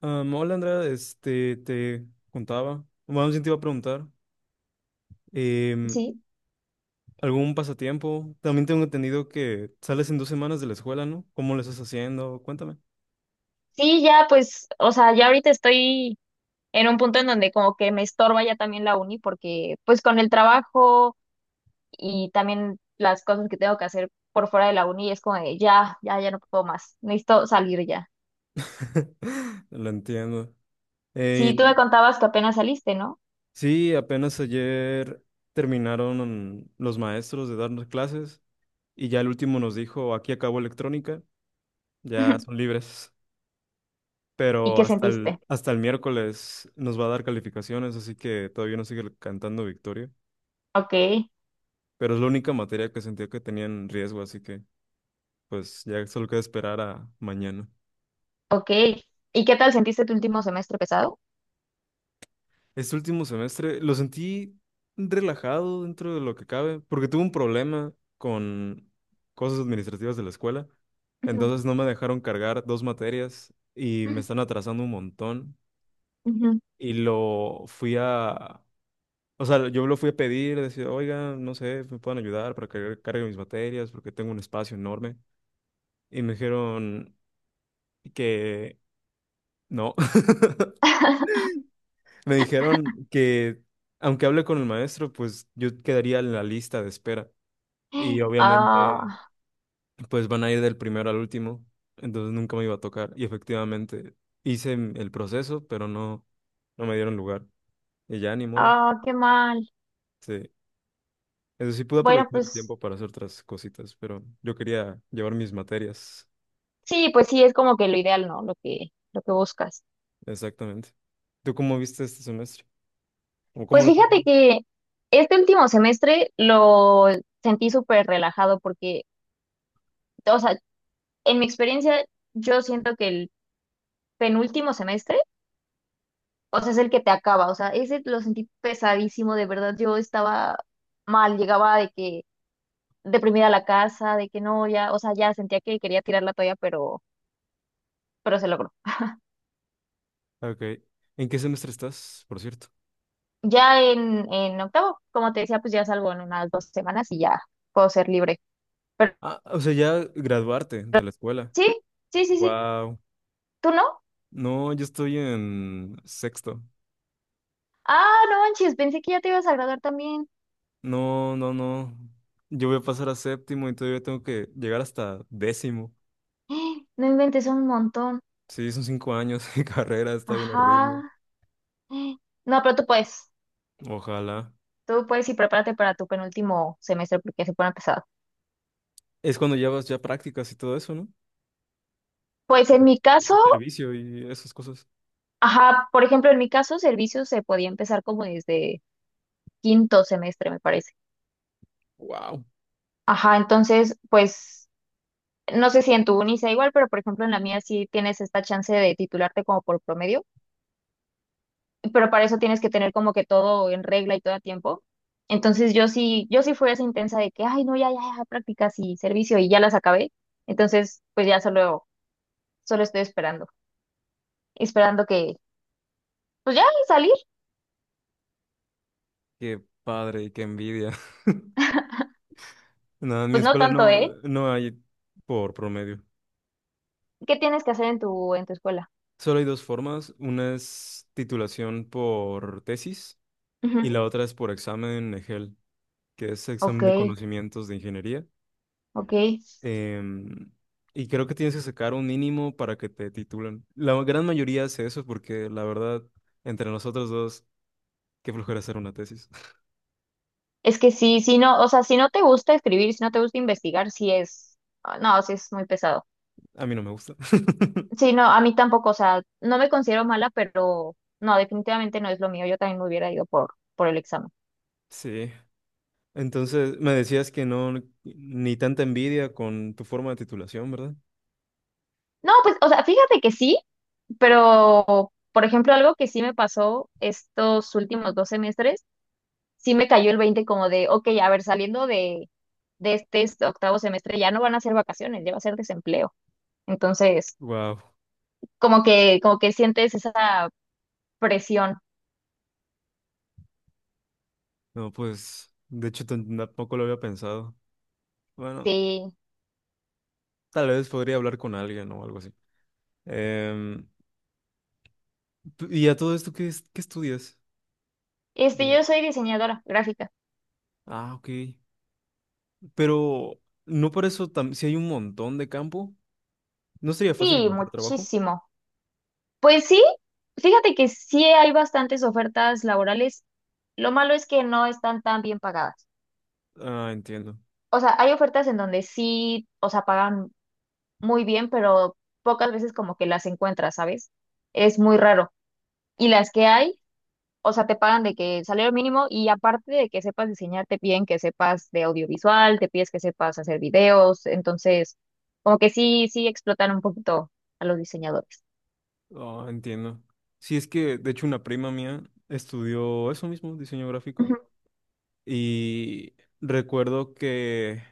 Hola Andrea, te contaba, bueno, más bien te iba a preguntar, em, Sí, ¿algún pasatiempo? También tengo entendido que sales en 2 semanas de la escuela, ¿no? ¿Cómo lo estás haciendo? Cuéntame. sí, ya pues, o sea, ya ahorita estoy en un punto en donde como que me estorba ya también la uni porque pues con el trabajo y también las cosas que tengo que hacer por fuera de la uni es como de ya, ya, ya no puedo más, necesito salir ya. Lo entiendo. Sí, Eh, tú me contabas que apenas saliste, ¿no? sí, apenas ayer terminaron los maestros de darnos clases y ya el último nos dijo, aquí acabó electrónica, ya son libres. ¿Y Pero qué hasta sentiste? el, hasta el miércoles nos va a dar calificaciones, así que todavía no sigue cantando victoria. Ok, Pero es la única materia que sentía que tenían riesgo, así que pues ya solo queda esperar a mañana. ok. ¿Y qué tal sentiste tu último semestre pesado? Este último semestre lo sentí relajado dentro de lo que cabe, porque tuve un problema con cosas administrativas de la escuela, Ujú, entonces no me dejaron cargar dos materias y me están atrasando un montón ujú. y lo fui a... O sea, yo lo fui a pedir, decir, oiga, no sé, me pueden ayudar para que cargue mis materias porque tengo un espacio enorme. Y me dijeron que no. Me dijeron que aunque hable con el maestro, pues yo quedaría en la lista de espera. Y obviamente, Ah, pues van a ir del primero al último, entonces nunca me iba a tocar. Y efectivamente hice el proceso, pero no, no me dieron lugar. Y ya ni modo. ah, qué mal. Sí. Eso sí, pude Bueno, aprovechar el pues tiempo para hacer otras cositas, pero yo quería llevar mis materias. sí, pues sí, es como que lo ideal, ¿no? Lo que buscas. Exactamente. ¿Tú cómo viste este semestre? ¿O cómo Pues lo estás fíjate viendo? que este último semestre lo sentí súper relajado porque, o sea, en mi experiencia, yo siento que el penúltimo semestre, o sea, es el que te acaba, o sea, ese lo sentí pesadísimo, de verdad, yo estaba mal, llegaba de que deprimida a la casa, de que no, ya, o sea, ya sentía que quería tirar la toalla, pero se logró. Ok. ¿En qué semestre estás, por cierto? Ya en octavo, como te decía, pues ya salgo en unas 2 semanas y ya puedo ser libre. Ah, o sea, ya graduarte de la escuela. Sí, sí, sí, sí. Wow. ¿Tú no? No, yo estoy en sexto. Ah, no manches, pensé que ya te ibas a graduar también. No, no, no. Yo voy a pasar a séptimo y todavía tengo que llegar hasta décimo. No inventes un montón. Sí, son 5 años de carrera, está bien horrible. Ajá. No, pero tú puedes. Ojalá. Tú puedes y prepárate para tu penúltimo semestre porque se pone pesado. Es cuando llevas ya prácticas y todo eso, ¿no? Pues en mi caso, Servicio y esas cosas. ajá, por ejemplo, en mi caso, servicio se podía empezar como desde quinto semestre, me parece. Wow. Ajá, entonces, pues, no sé si en tu uni sea igual, pero por ejemplo en la mía sí tienes esta chance de titularte como por promedio. Pero para eso tienes que tener como que todo en regla y todo a tiempo. Entonces yo sí, yo sí fui esa intensa de que, ay, no, ya, ya, ya, prácticas y servicio y ya las acabé. Entonces, pues ya solo estoy esperando que, pues ya salir, Qué padre y qué envidia. Nada, en mi pues no escuela tanto, no, ¿eh? no hay por promedio. ¿Qué tienes que hacer en tu escuela? Solo hay dos formas. Una es titulación por tesis, y Ujú. la otra es por examen EGEL, que es Ok, examen de conocimientos de ingeniería. ok. Em, y creo que tienes que sacar un mínimo para que te titulen. La gran mayoría hace eso porque la verdad, entre nosotros dos, qué flojera hacer una tesis. Es que sí, si no, o sea, si no te gusta escribir, si no te gusta investigar, sí es, ah, no, sí es muy pesado. A mí no me gusta. Sí, no, a mí tampoco, o sea, no me considero mala, pero no, definitivamente no es lo mío. Yo también me hubiera ido por, el examen. Sí. Entonces, me decías que no, ni tanta envidia con tu forma de titulación, ¿verdad? No, pues, o sea, fíjate que sí, pero, por ejemplo, algo que sí me pasó estos últimos 2 semestres, sí me cayó el 20 como de, ok, a ver, saliendo de este octavo semestre ya no van a ser vacaciones, ya va a ser desempleo. Entonces, Wow. Como que sientes esa presión. No, pues, de hecho, tampoco lo había pensado. Bueno, Sí. tal vez podría hablar con alguien o algo así. Em, ¿Y a todo esto qué, qué estudias? Este, Mm. yo soy diseñadora gráfica. Ah, ok. Pero, ¿no por eso si hay un montón de campo? ¿No sería fácil Sí, encontrar trabajo? muchísimo. Pues sí, fíjate que sí hay bastantes ofertas laborales. Lo malo es que no están tan bien pagadas. Ah, entiendo. O sea, hay ofertas en donde sí, o sea, pagan muy bien, pero pocas veces como que las encuentras, ¿sabes? Es muy raro. Y las que hay, o sea, te pagan de que salario mínimo y aparte de que sepas diseñar, te piden que sepas de audiovisual, te pides que sepas hacer videos. Entonces, como que sí, sí explotan un poquito a los diseñadores. Ah, entiendo. Sí, es que, de hecho, una prima mía estudió eso mismo, diseño gráfico, Ujú, y recuerdo que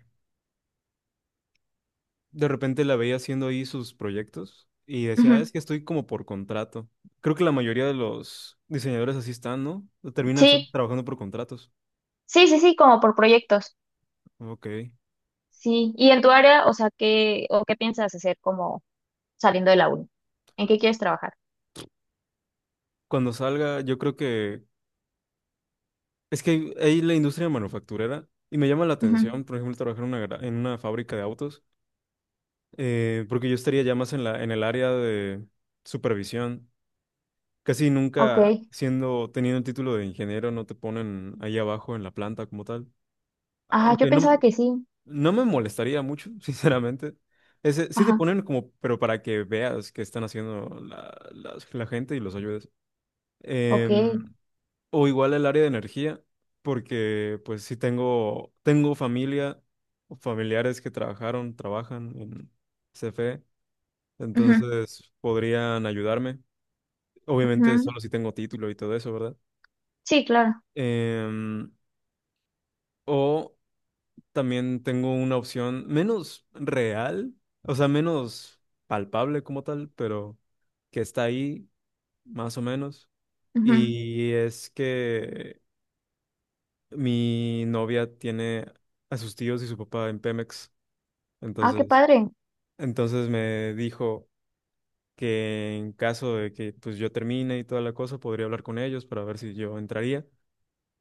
de repente la veía haciendo ahí sus proyectos y decía, "Ah, ujú. es que estoy como por contrato." Creo que la mayoría de los diseñadores así están, ¿no? Terminan Sí, trabajando por contratos. sí, sí, sí, como por proyectos. Ok. Sí, y en tu área, o sea, ¿qué, o qué piensas hacer como saliendo de la uni? ¿En qué quieres trabajar? Cuando salga, yo creo que es que hay la industria manufacturera y me llama la Ujú, atención, por ejemplo, trabajar en en una fábrica de autos, porque yo estaría ya más en en el área de supervisión. Casi ok. nunca siendo, teniendo el título de ingeniero, no te ponen ahí abajo en la planta como tal. Ajá, yo Aunque no, pensaba que sí. no me molestaría mucho, sinceramente. Ese, sí te Ajá, ponen como, pero para que veas qué están haciendo la gente y los ayudes. ok. Em, o igual el área de energía, porque pues sí tengo familia, o familiares que trabajaron, trabajan en CFE, Ujú, entonces podrían ayudarme. Obviamente ujú. solo si tengo título y todo eso, ¿verdad? Sí, claro. Em, o también tengo una opción menos real, o sea, menos palpable como tal, pero que está ahí, más o menos. Ujú. Y es que mi novia tiene a sus tíos y su papá en Pemex, Ah, qué entonces, padre. entonces me dijo que en caso de que pues yo termine y toda la cosa, podría hablar con ellos para ver si yo entraría,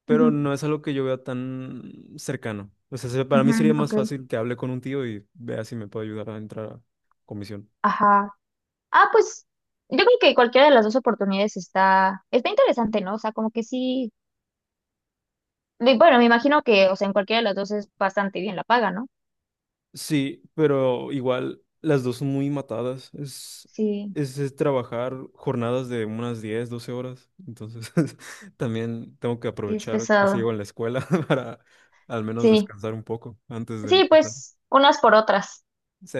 pero Ujú, no es algo que yo vea tan cercano. O sea, para mí ujú, sería más ok. fácil que hable con un tío y vea si me puede ayudar a entrar a comisión. Ajá. Ah, pues yo creo que cualquiera de las dos oportunidades está interesante, ¿no? O sea, como que sí. Y bueno, me imagino que, o sea, en cualquiera de las dos es bastante bien la paga, ¿no? Sí, pero igual las dos son muy matadas. Es, Sí, es, es trabajar jornadas de unas 10-12 horas. Entonces, también tengo que sí, es aprovechar que pesado. sigo en la escuela para al menos Sí, descansar un poco antes de sí, empezar. pues unas por otras. Sí.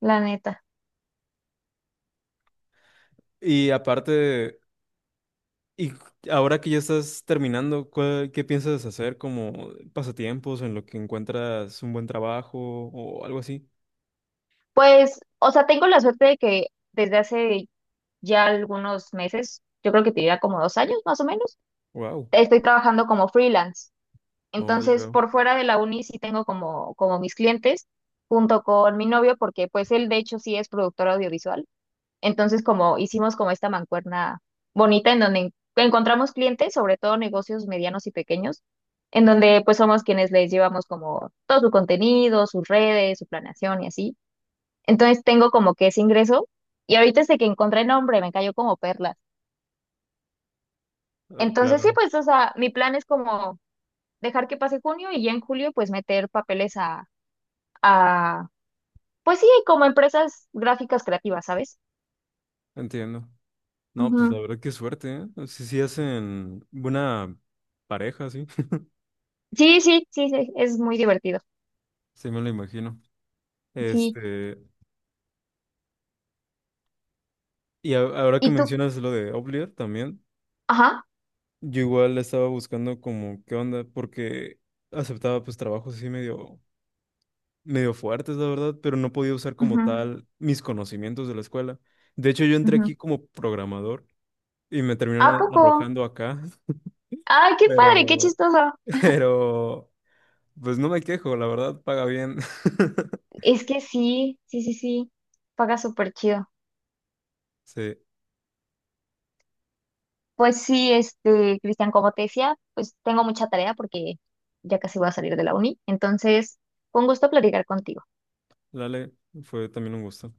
La neta. Y aparte, y ahora que ya estás terminando, ¿qué piensas hacer como pasatiempos en lo que encuentras un buen trabajo o algo así? Pues, o sea, tengo la suerte de que desde hace ya algunos meses, yo creo que te diría como 2 años más o menos, Wow. estoy trabajando como freelance. Oh, ya Entonces, veo. por fuera de la uni sí tengo como, como mis clientes, junto con mi novio, porque pues él de hecho sí es productor audiovisual. Entonces, como hicimos como esta mancuerna bonita en donde encontramos clientes, sobre todo negocios medianos y pequeños, en donde pues somos quienes les llevamos como todo su contenido, sus redes, su planeación y así. Entonces tengo como que ese ingreso y ahorita este que encontré el nombre me cayó como perlas. Ah, Entonces sí, claro, pues, o sea, mi plan es como dejar que pase junio y ya en julio pues meter papeles a, a pues sí, como empresas gráficas creativas, ¿sabes? entiendo. No, pues Ujú. la verdad qué suerte, ¿eh? Sí, sí hacen buena pareja, sí. Sí, sí, sí, sí, es muy divertido. Sí me lo imagino. Sí. Este, y ahora que ¿Y tú? mencionas lo de Oblivion también, Ajá. yo igual estaba buscando como qué onda, porque aceptaba pues trabajos así medio, medio fuertes, la verdad, pero no podía usar como Ujú, tal mis conocimientos de la escuela. De hecho, yo entré ujú. aquí como programador y me ¿A terminaron poco? arrojando acá, Ay, qué padre, qué pero, chistoso. pero, pues no me quejo, la verdad, paga bien. Es que sí, sí, sí, sí. Paga súper chido. Sí. Pues sí, este, Cristian, como te decía, pues tengo mucha tarea porque ya casi voy a salir de la uni. Entonces, fue un gusto platicar contigo. Dale, fue también un gusto.